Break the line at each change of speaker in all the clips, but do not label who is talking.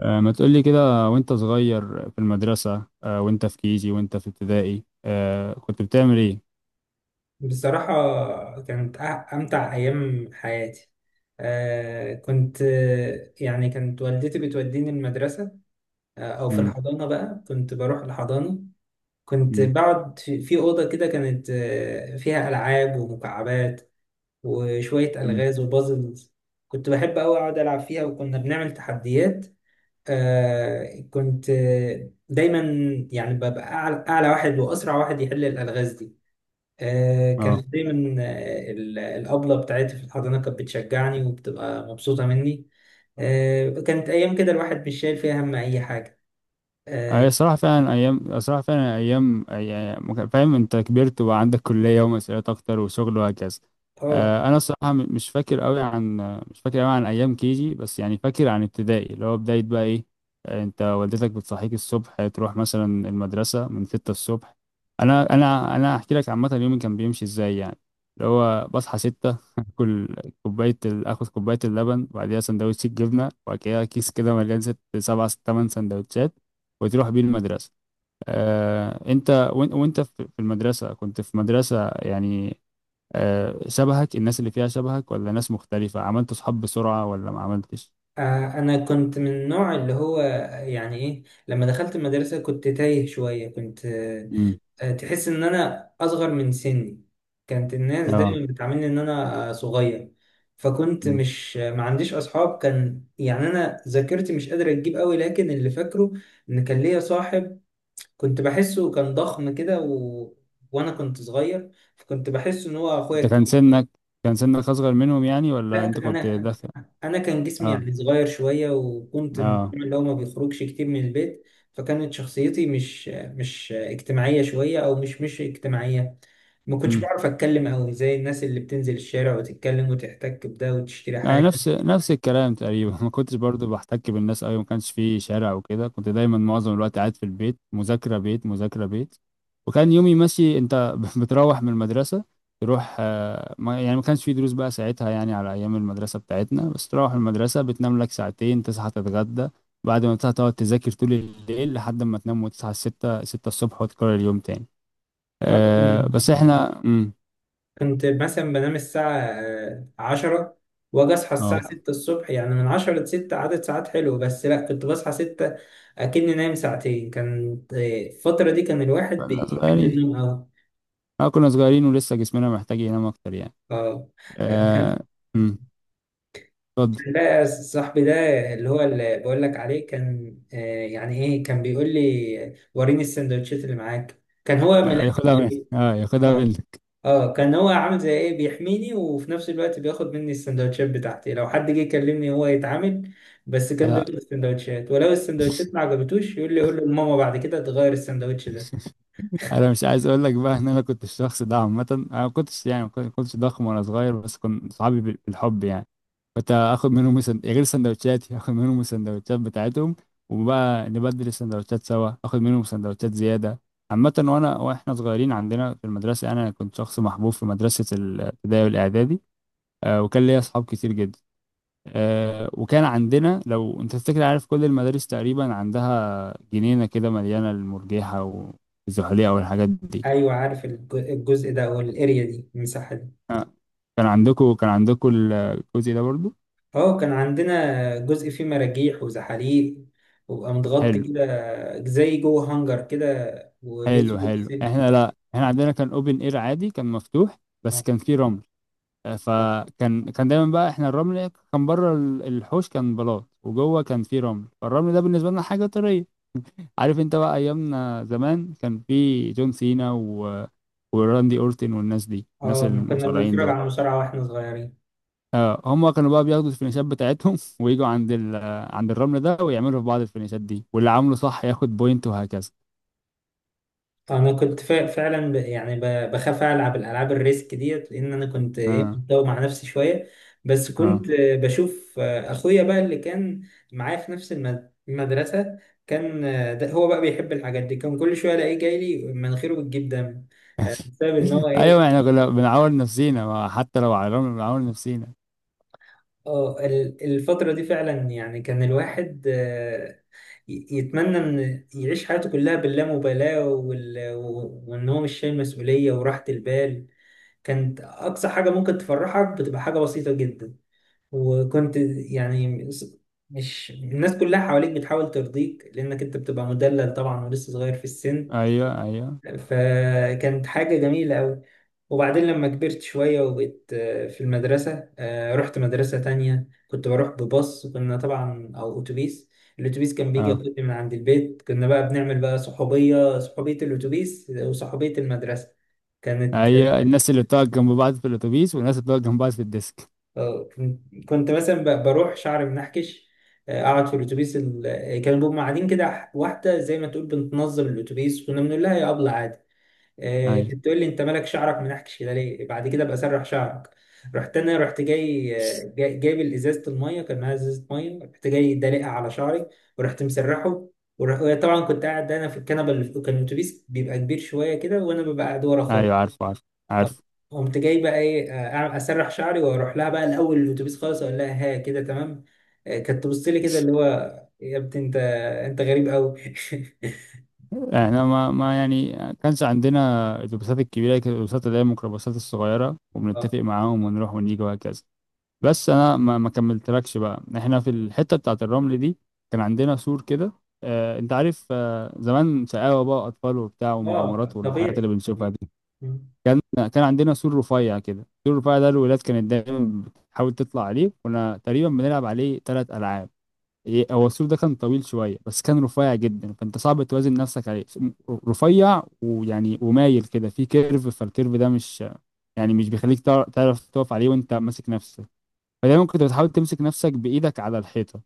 ما تقولي كده وانت صغير في المدرسة، وانت في كيجي وانت في ابتدائي، كنت بتعمل ايه؟
بصراحة كانت أمتع أيام حياتي. آه كنت آه، يعني كانت والدتي بتوديني المدرسة. أو في
مم.
الحضانة بقى، كنت بروح الحضانة. كنت
مم،
بقعد في أوضة كده كانت فيها ألعاب ومكعبات، وشوية ألغاز
مم.
وبازلز. كنت بحب أوي أقعد ألعب فيها، وكنا بنعمل تحديات. آه كنت آه، دايما يعني ببقى أعلى واحد وأسرع واحد يحل الألغاز دي.
اه.
كانت دايما، الأبلة بتاعتي في الحضانة كانت بتشجعني وبتبقى مبسوطة مني. كانت أيام كده الواحد مش شايل فيها هم أي حاجة.
هي
آه
صراحة فعلا أيام، صراحة فعلا أيام، يعني فاهم أنت كبرت وبقى عندك كلية ومسؤوليات أكتر وشغل وهكذا.
آه،
أنا صراحة مش فاكر أوي عن آه، مش فاكر أوي عن أيام كيجي، بس يعني فاكر عن ابتدائي اللي هو بداية بقى إيه. أنت والدتك بتصحيك الصبح تروح مثلا المدرسة من 6 الصبح. أنا هحكي لك عامة يومي كان بيمشي إزاي يعني، اللي هو بصحى 6 آكل آخد كوباية اللبن، وبعديها سندوتش الجبنة، وبعد كده كيس كده مليان ست سبع تمن سندوتشات وتروح بيه المدرسة. انت وانت في المدرسة كنت في مدرسة يعني، شبهك الناس اللي فيها شبهك ولا ناس مختلفة؟ عملت صحاب بسرعة ولا ما عملتش؟
أنا كنت من النوع اللي هو، يعني إيه، لما دخلت المدرسة كنت تايه شوية، كنت آه،
امم.
آه، تحس إن أنا أصغر من سني. كانت الناس
اه.
دايما بتعاملني إن أنا صغير. فكنت
مم.
مش ما عنديش أصحاب. كان يعني أنا ذاكرتي مش قادرة تجيب قوي، لكن اللي فاكره ان كان ليا صاحب. كنت بحسه كان ضخم كده، و... وانا كنت صغير، فكنت بحسه ان هو اخويا
انت كان
الكبير.
سنك، كان سنك اصغر منهم يعني، ولا
لا
انت
كان-
كنت
انا
داخل؟
انا كان جسمي
اه.
يعني صغير شويه، وكنت من
اه.
النوع اللي هو ما بيخرجش كتير من البيت. فكانت شخصيتي مش اجتماعيه شويه، او مش اجتماعيه. ما كنتش بعرف اتكلم قوي زي الناس اللي بتنزل الشارع وتتكلم وتحتك بده وتشتري
انا
حاجه.
نفس نفس الكلام تقريبا ما كنتش برضو بحتك بالناس قوي، ما كانش في شارع وكده، كنت دايما معظم الوقت قاعد في البيت مذاكره بيت مذاكره بيت. وكان يومي ماشي، انت بتروح من المدرسه، تروح، ما يعني ما كانش في دروس بقى ساعتها، يعني على ايام المدرسه بتاعتنا، بس تروح المدرسه بتنام لك ساعتين، تصحى تتغدى، بعد ما تصحى تقعد تذاكر طول الليل لحد ما تنام، وتصحى الستة الصبح وتكرر اليوم تاني. أه بس احنا.
كنت مثلا بنام الساعة 10، وأجي أصحى الساعة
اه
6 الصبح. يعني من 10 لستة عدد ساعات حلو، بس لأ، كنت بصحى 6 أكني نايم ساعتين. كانت الفترة دي كان الواحد
كنا
بيحب
صغيرين.
النوم أوي.
اه كنا صغيرين ولسه جسمنا محتاج ينام اكتر يعني.
اه. آه،
آه،
كان
أمم، اتفضل.
كان بقى صاحبي ده، اللي هو اللي بقول لك عليه، كان يعني ايه، كان بيقول لي وريني السندوتشات اللي معاك. كان هو من
آه،
الآخر.
ياخدها من اه ياخدها منك.
اه، كان هو عامل زي ايه، بيحميني، وفي نفس الوقت بياخد مني السندوتشات بتاعتي. لو حد جه يكلمني هو يتعامل. بس كان
انا
بياخد السندوتشات، ولو السندوتشات ما عجبتوش يقول لي قول له لماما بعد كده تغير السندوتش ده.
انا مش عايز اقول لك بقى ان انا كنت الشخص ده عامه. انا ما كنتش يعني ما كنتش ضخم وانا صغير، بس كنت صحابي بالحب يعني، كنت اخد منهم غير سندوتشاتي اخد منهم السندوتشات بتاعتهم، وبقى نبدل السندوتشات سوا اخد منهم سندوتشات زياده. عامه وانا واحنا صغيرين عندنا في المدرسه، انا كنت شخص محبوب في مدرسه الابتدائي والاعدادي، وكان ليا اصحاب كتير جدا. وكان عندنا، لو انت تفتكر عارف كل المدارس تقريبا عندها جنينة كده مليانة المرجيحة والزحليقة والحاجات دي.
ايوه عارف الجزء ده، او الاريا دي، المساحه دي.
آه، كان عندكم الجزء ده برضو؟
اه، كان عندنا جزء فيه مراجيح وزحاليق، وبقى متغطي
حلو.
كده زي جوه هانجر كده، وليه
حلو.
سوق
حلو.
سلك.
احنا، لا، احنا عندنا كان اوبن اير عادي، كان مفتوح، بس كان فيه رمل.
اه.
فكان دايما بقى احنا الرمل، كان بره الحوش كان بلاط، وجوه كان فيه رمل، فالرمل ده بالنسبة لنا حاجة طرية. عارف انت بقى ايامنا زمان كان في جون سينا وراندي اورتن والناس دي، الناس
كنا
المصارعين
بنتفرج على
دول.
المصارعه واحنا صغيرين.
اه. هم كانوا بقى بياخدوا الفينيشات بتاعتهم ويجوا عند عند الرمل ده ويعملوا في بعض الفينيشات دي، واللي عامله صح ياخد بوينت وهكذا.
انا كنت فعلا بخاف العب الالعاب الريسك ديت، لان انا كنت ايه،
اه.
متداوم مع نفسي شويه. بس كنت
اه.
بشوف اخويا بقى اللي كان معايا في نفس المدرسه، كان ده هو بقى بيحب الحاجات دي. كان كل شويه الاقيه جاي لي مناخيره بتجيب دم، بسبب ان هو
ايوه
ايه.
يعني كنا بنعور نفسينا، ما حتى لو على الرمل بنعور نفسينا.
اه، الفتره دي فعلا يعني كان الواحد، يتمنى ان يعيش حياته كلها باللامبالاه، وان هو مش شايل مسؤوليه وراحه البال. كانت أقصى حاجة ممكن تفرحك بتبقى حاجة بسيطة جدا. وكنت يعني، مش الناس كلها حواليك بتحاول ترضيك لأنك أنت بتبقى مدلل طبعا ولسه صغير في السن.
ايوه. ايوه.
فكانت حاجة جميلة أوي. وبعدين لما كبرت شوية وبقيت في المدرسة، رحت مدرسة تانية، كنت بروح بباص، كنا طبعا، أو أتوبيس. الأتوبيس كان بيجي
اه.
ياخدني من عند البيت. كنا بقى بنعمل بقى صحوبية الأتوبيس وصحوبية المدرسة. كانت.
ايوه الناس اللي بتقعد جنب بعض في الاتوبيس، والناس اللي بتقعد جنب بعض في الديسك.
اه كنت مثلا بروح شعري منحكش، اقعد في الاتوبيس، كانوا بيبقوا قاعدين كده، واحده زي ما تقول بنتنظم الاتوبيس، كنا بنقول لها يا ابله عادي.
ايوه.
كانت تقول لي انت مالك شعرك منحكش كده ليه، بعد كده بقى سرح شعرك. رحت انا رحت جاي، جايب ازازه الميه، كان معايا ازازه ميه، رحت جاي دلقها على شعري ورحت مسرحه. ورح... طبعا كنت قاعد انا في الكنبه اللي في، كان الاتوبيس بيبقى كبير شويه كده، وانا ببقى قاعد ورا خالص.
ايوه. عارف. عارف.
طب،
عارف.
قمت جاي بقى ايه، اسرح شعري، واروح لها بقى الاول الاتوبيس خالص اقول لها ها كده تمام. كانت تبص لي كده اللي هو، يا ابني انت، انت غريب قوي.
احنا ما يعني كانش عندنا الاتوبيسات الكبيره، كانت الاتوبيسات اللي هي الميكروباصات الصغيره،
اه.
وبنتفق معاهم ونروح ونيجي وهكذا. بس انا ما كملتلكش، بقى احنا في الحته بتاعه الرمل دي كان عندنا سور كده. اه انت عارف، اه زمان شقاوه بقى اطفال وبتاع ومغامرات
اه
والحاجات اللي
طبيعي.
بنشوفها دي.
مم.
كان كان عندنا سور رفيع كده، السور الرفيع ده الولاد كانت دايما بتحاول تطلع عليه، كنا تقريبا بنلعب عليه 3 العاب. إيه، هو السور ده كان طويل شويه، بس كان رفيع جدا، فانت صعب توازن نفسك عليه. رفيع ويعني ومايل كده، في كيرف، فالكيرف ده مش يعني مش بيخليك تعرف تقف عليه وانت ماسك نفسك، فدايما كنت بتحاول تمسك نفسك بايدك على الحيطه.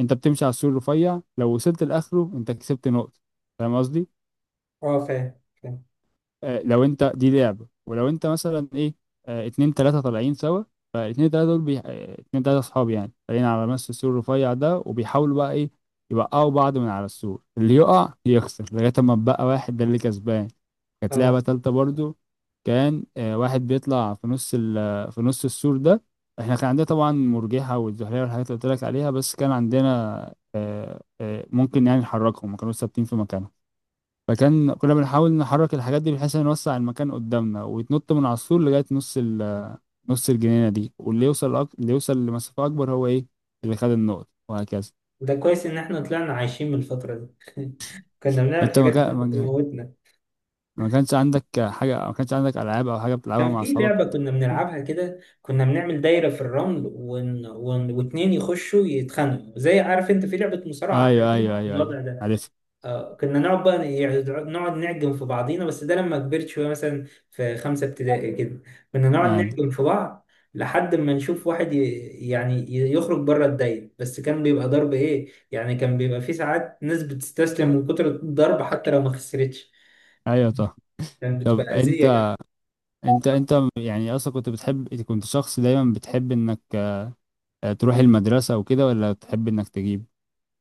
انت بتمشي على السور الرفيع، لو وصلت لاخره انت كسبت نقطه. فاهم قصدي؟
اه فاهم فاهم.
لو انت دي لعبة، ولو انت مثلا ايه، اتنين تلاتة طالعين سوا، فاتنين تلاتة دول بي... آه، اتنين تلاتة صحاب يعني طالعين على نفس السور الرفيع ده، وبيحاولوا بقى ايه، يوقعوا بعض من على السور، اللي يقع يخسر لغاية ما بقى واحد ده اللي كسبان. كانت لعبة
اه،
تالتة برضو، كان واحد بيطلع في في نص السور ده. احنا كان عندنا طبعا مرجحة والزحلية والحاجات اللي قلت لك عليها، بس كان عندنا، ممكن يعني نحركهم، ما كانوش ثابتين في مكانهم. فكان كنا بنحاول نحرك الحاجات دي بحيث إن نوسع المكان قدامنا، ويتنط من على السور لغاية نص نص الجنينة دي، واللي يوصل اللي يوصل لمسافة أكبر هو إيه، اللي خد النقط وهكذا.
ده كويس ان احنا طلعنا عايشين من الفترة دي. كنا بنعمل
أنت
حاجات اللي كانت بتموتنا.
ما كانش عندك حاجة، ما كانش عندك ألعاب أو حاجة بتلعبها
كان
مع
في
أصحابك؟
لعبة كنا بنلعبها كده، كنا بنعمل دايرة في الرمل واتنين يخشوا يتخانقوا، زي، عارف انت في لعبة مصارعة
أيوه.
حاليا
أيوه. أيوه. أيوه.
الوضع ده.
عارف.
كنا نقعد بقى يعني نقعد نعجن في بعضينا، بس ده لما كبرت شوية مثلا في 5 ابتدائي كده. كنا نقعد
أيوه.
نعجن في بعض لحد ما نشوف واحد، يخرج بره الدايرة. بس كان بيبقى ضرب ايه، يعني كان بيبقى في ساعات ناس بتستسلم من كتر الضرب حتى لو ما خسرتش،
أيوه. طه.
كانت
طب
بتبقى
أنت
أذية.
أنت أنت يعني أصلا كنت بتحب، كنت شخص دايما بتحب إنك، تروح المدرسة وكده، ولا تحب إنك تجيب؟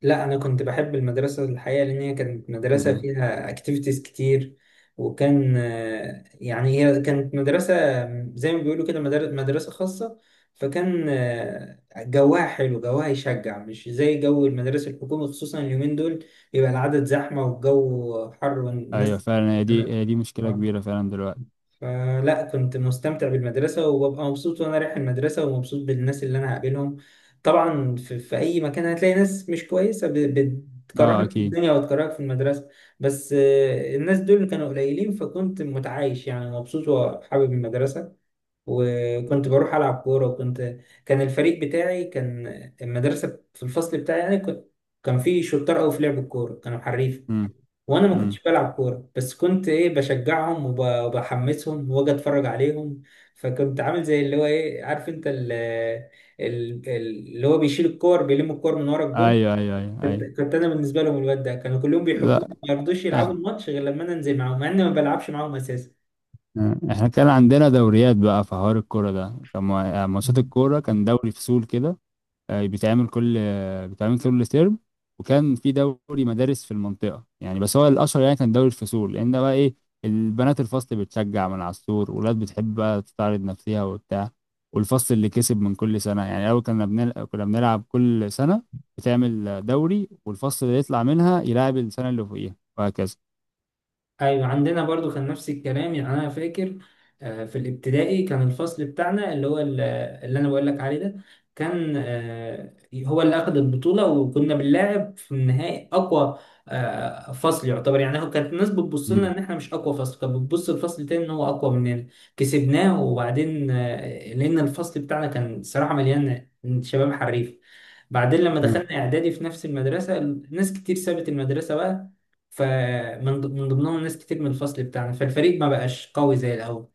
لا، انا كنت بحب المدرسه الحقيقه، لان هي كانت مدرسه
مم.
فيها اكتيفيتيز كتير. وكان يعني هي كانت مدرسه زي ما بيقولوا كده، مدرسه خاصه. فكان جواها حلو، جواها يشجع، مش زي جو المدارس الحكومي، خصوصا اليومين دول بيبقى العدد زحمه والجو حر
أيوه
والناس.
فعلا، هي دي هي دي مشكلة
آه.
كبيرة فعلا دلوقتي.
فلا، كنت مستمتع بالمدرسة، وببقى مبسوط وأنا رايح المدرسة ومبسوط بالناس اللي أنا هقابلهم. طبعا في أي مكان هتلاقي ناس مش كويسة،
آه
بتكرهك في
أكيد.
الدنيا وتكرهك في المدرسة. بس الناس دول كانوا قليلين، فكنت متعايش يعني مبسوط وحابب المدرسة. وكنت بروح ألعب كورة. وكنت، كان الفريق بتاعي، كان المدرسة في الفصل بتاعي يعني، كنت، كان في شطار أوي في لعب الكورة، كانوا حريف.
إمم.
وانا ما
إمم.
كنتش بلعب كوره، بس كنت ايه، بشجعهم وبحمسهم واجي اتفرج عليهم. فكنت عامل زي اللي هو ايه، عارف انت اللي هو بيشيل الكور، بيلم الكور من ورا الجون.
أيوه. أيوه. أيوه.
كنت
أيوه.
كنت انا بالنسبه لهم الواد ده، كانوا كلهم بيحبوني،
لأ.
ما يرضوش يلعبوا
إحنا
الماتش غير لما انا انزل معاهم، مع اني ما بلعبش معاهم اساسا.
إحنا كان عندنا دوريات بقى في حوار الكورة ده، كان ما ماتشات الكورة كان دوري فصول كده، بيتعمل كل ترم. وكان في دوري مدارس في المنطقة يعني، بس هو الأشهر يعني كان دوري الفصول، لأن ده بقى إيه، البنات الفصل بتشجع من على السور، ولاد بتحب بقى تستعرض نفسها وبتاع، والفصل اللي كسب من كل سنة يعني، أول كنا كنا بنلعب كل سنة، بتعمل دوري، والفصل اللي يطلع منها يلعب السنة اللي فوقيها وهكذا.
ايوه عندنا برضو كان نفس الكلام يعني. انا فاكر في الابتدائي كان الفصل بتاعنا اللي هو، اللي انا بقول لك عليه ده، كان هو اللي اخذ البطوله، وكنا بنلاعب في النهائي اقوى فصل يعتبر. يعني هو كانت الناس بتبص لنا ان
مم.
احنا مش اقوى فصل، كانت بتبص لفصل تاني ان هو اقوى مننا. كسبناه. وبعدين لان الفصل بتاعنا كان صراحه مليان شباب حريف. بعدين لما
آه.
دخلنا اعدادي في نفس المدرسه، ناس كتير سابت المدرسه بقى، من ضمنهم ناس كتير من الفصل بتاعنا، فالفريق ما بقاش قوي زي الاول.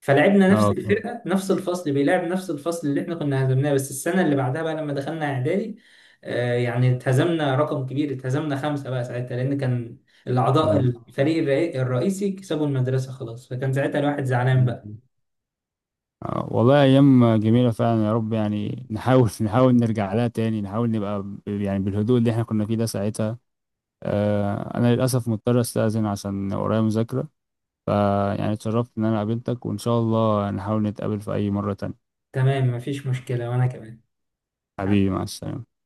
فلعبنا نفس
اه
الفرقه، نفس الفصل بيلعب نفس الفصل اللي احنا كنا هزمناه، بس السنه اللي بعدها بقى لما دخلنا اعدادي، يعني اتهزمنا رقم كبير، اتهزمنا 5 بقى ساعتها، لان كان الاعضاء الفريق الرئيسي كسبوا المدرسه خلاص. فكان ساعتها الواحد زعلان بقى.
آه. آه، والله أيام جميلة فعلا، يا رب يعني نحاول نحاول نرجع لها تاني، نحاول نبقى يعني بالهدوء اللي احنا كنا فيه ده ساعتها. أنا للأسف مضطر أستأذن عشان ورايا مذاكرة، فيعني اتشرفت إن أنا قابلتك، وإن شاء الله نحاول نتقابل في أي مرة تانية.
تمام، مفيش مشكله، وانا كمان.
حبيبي، مع السلامة.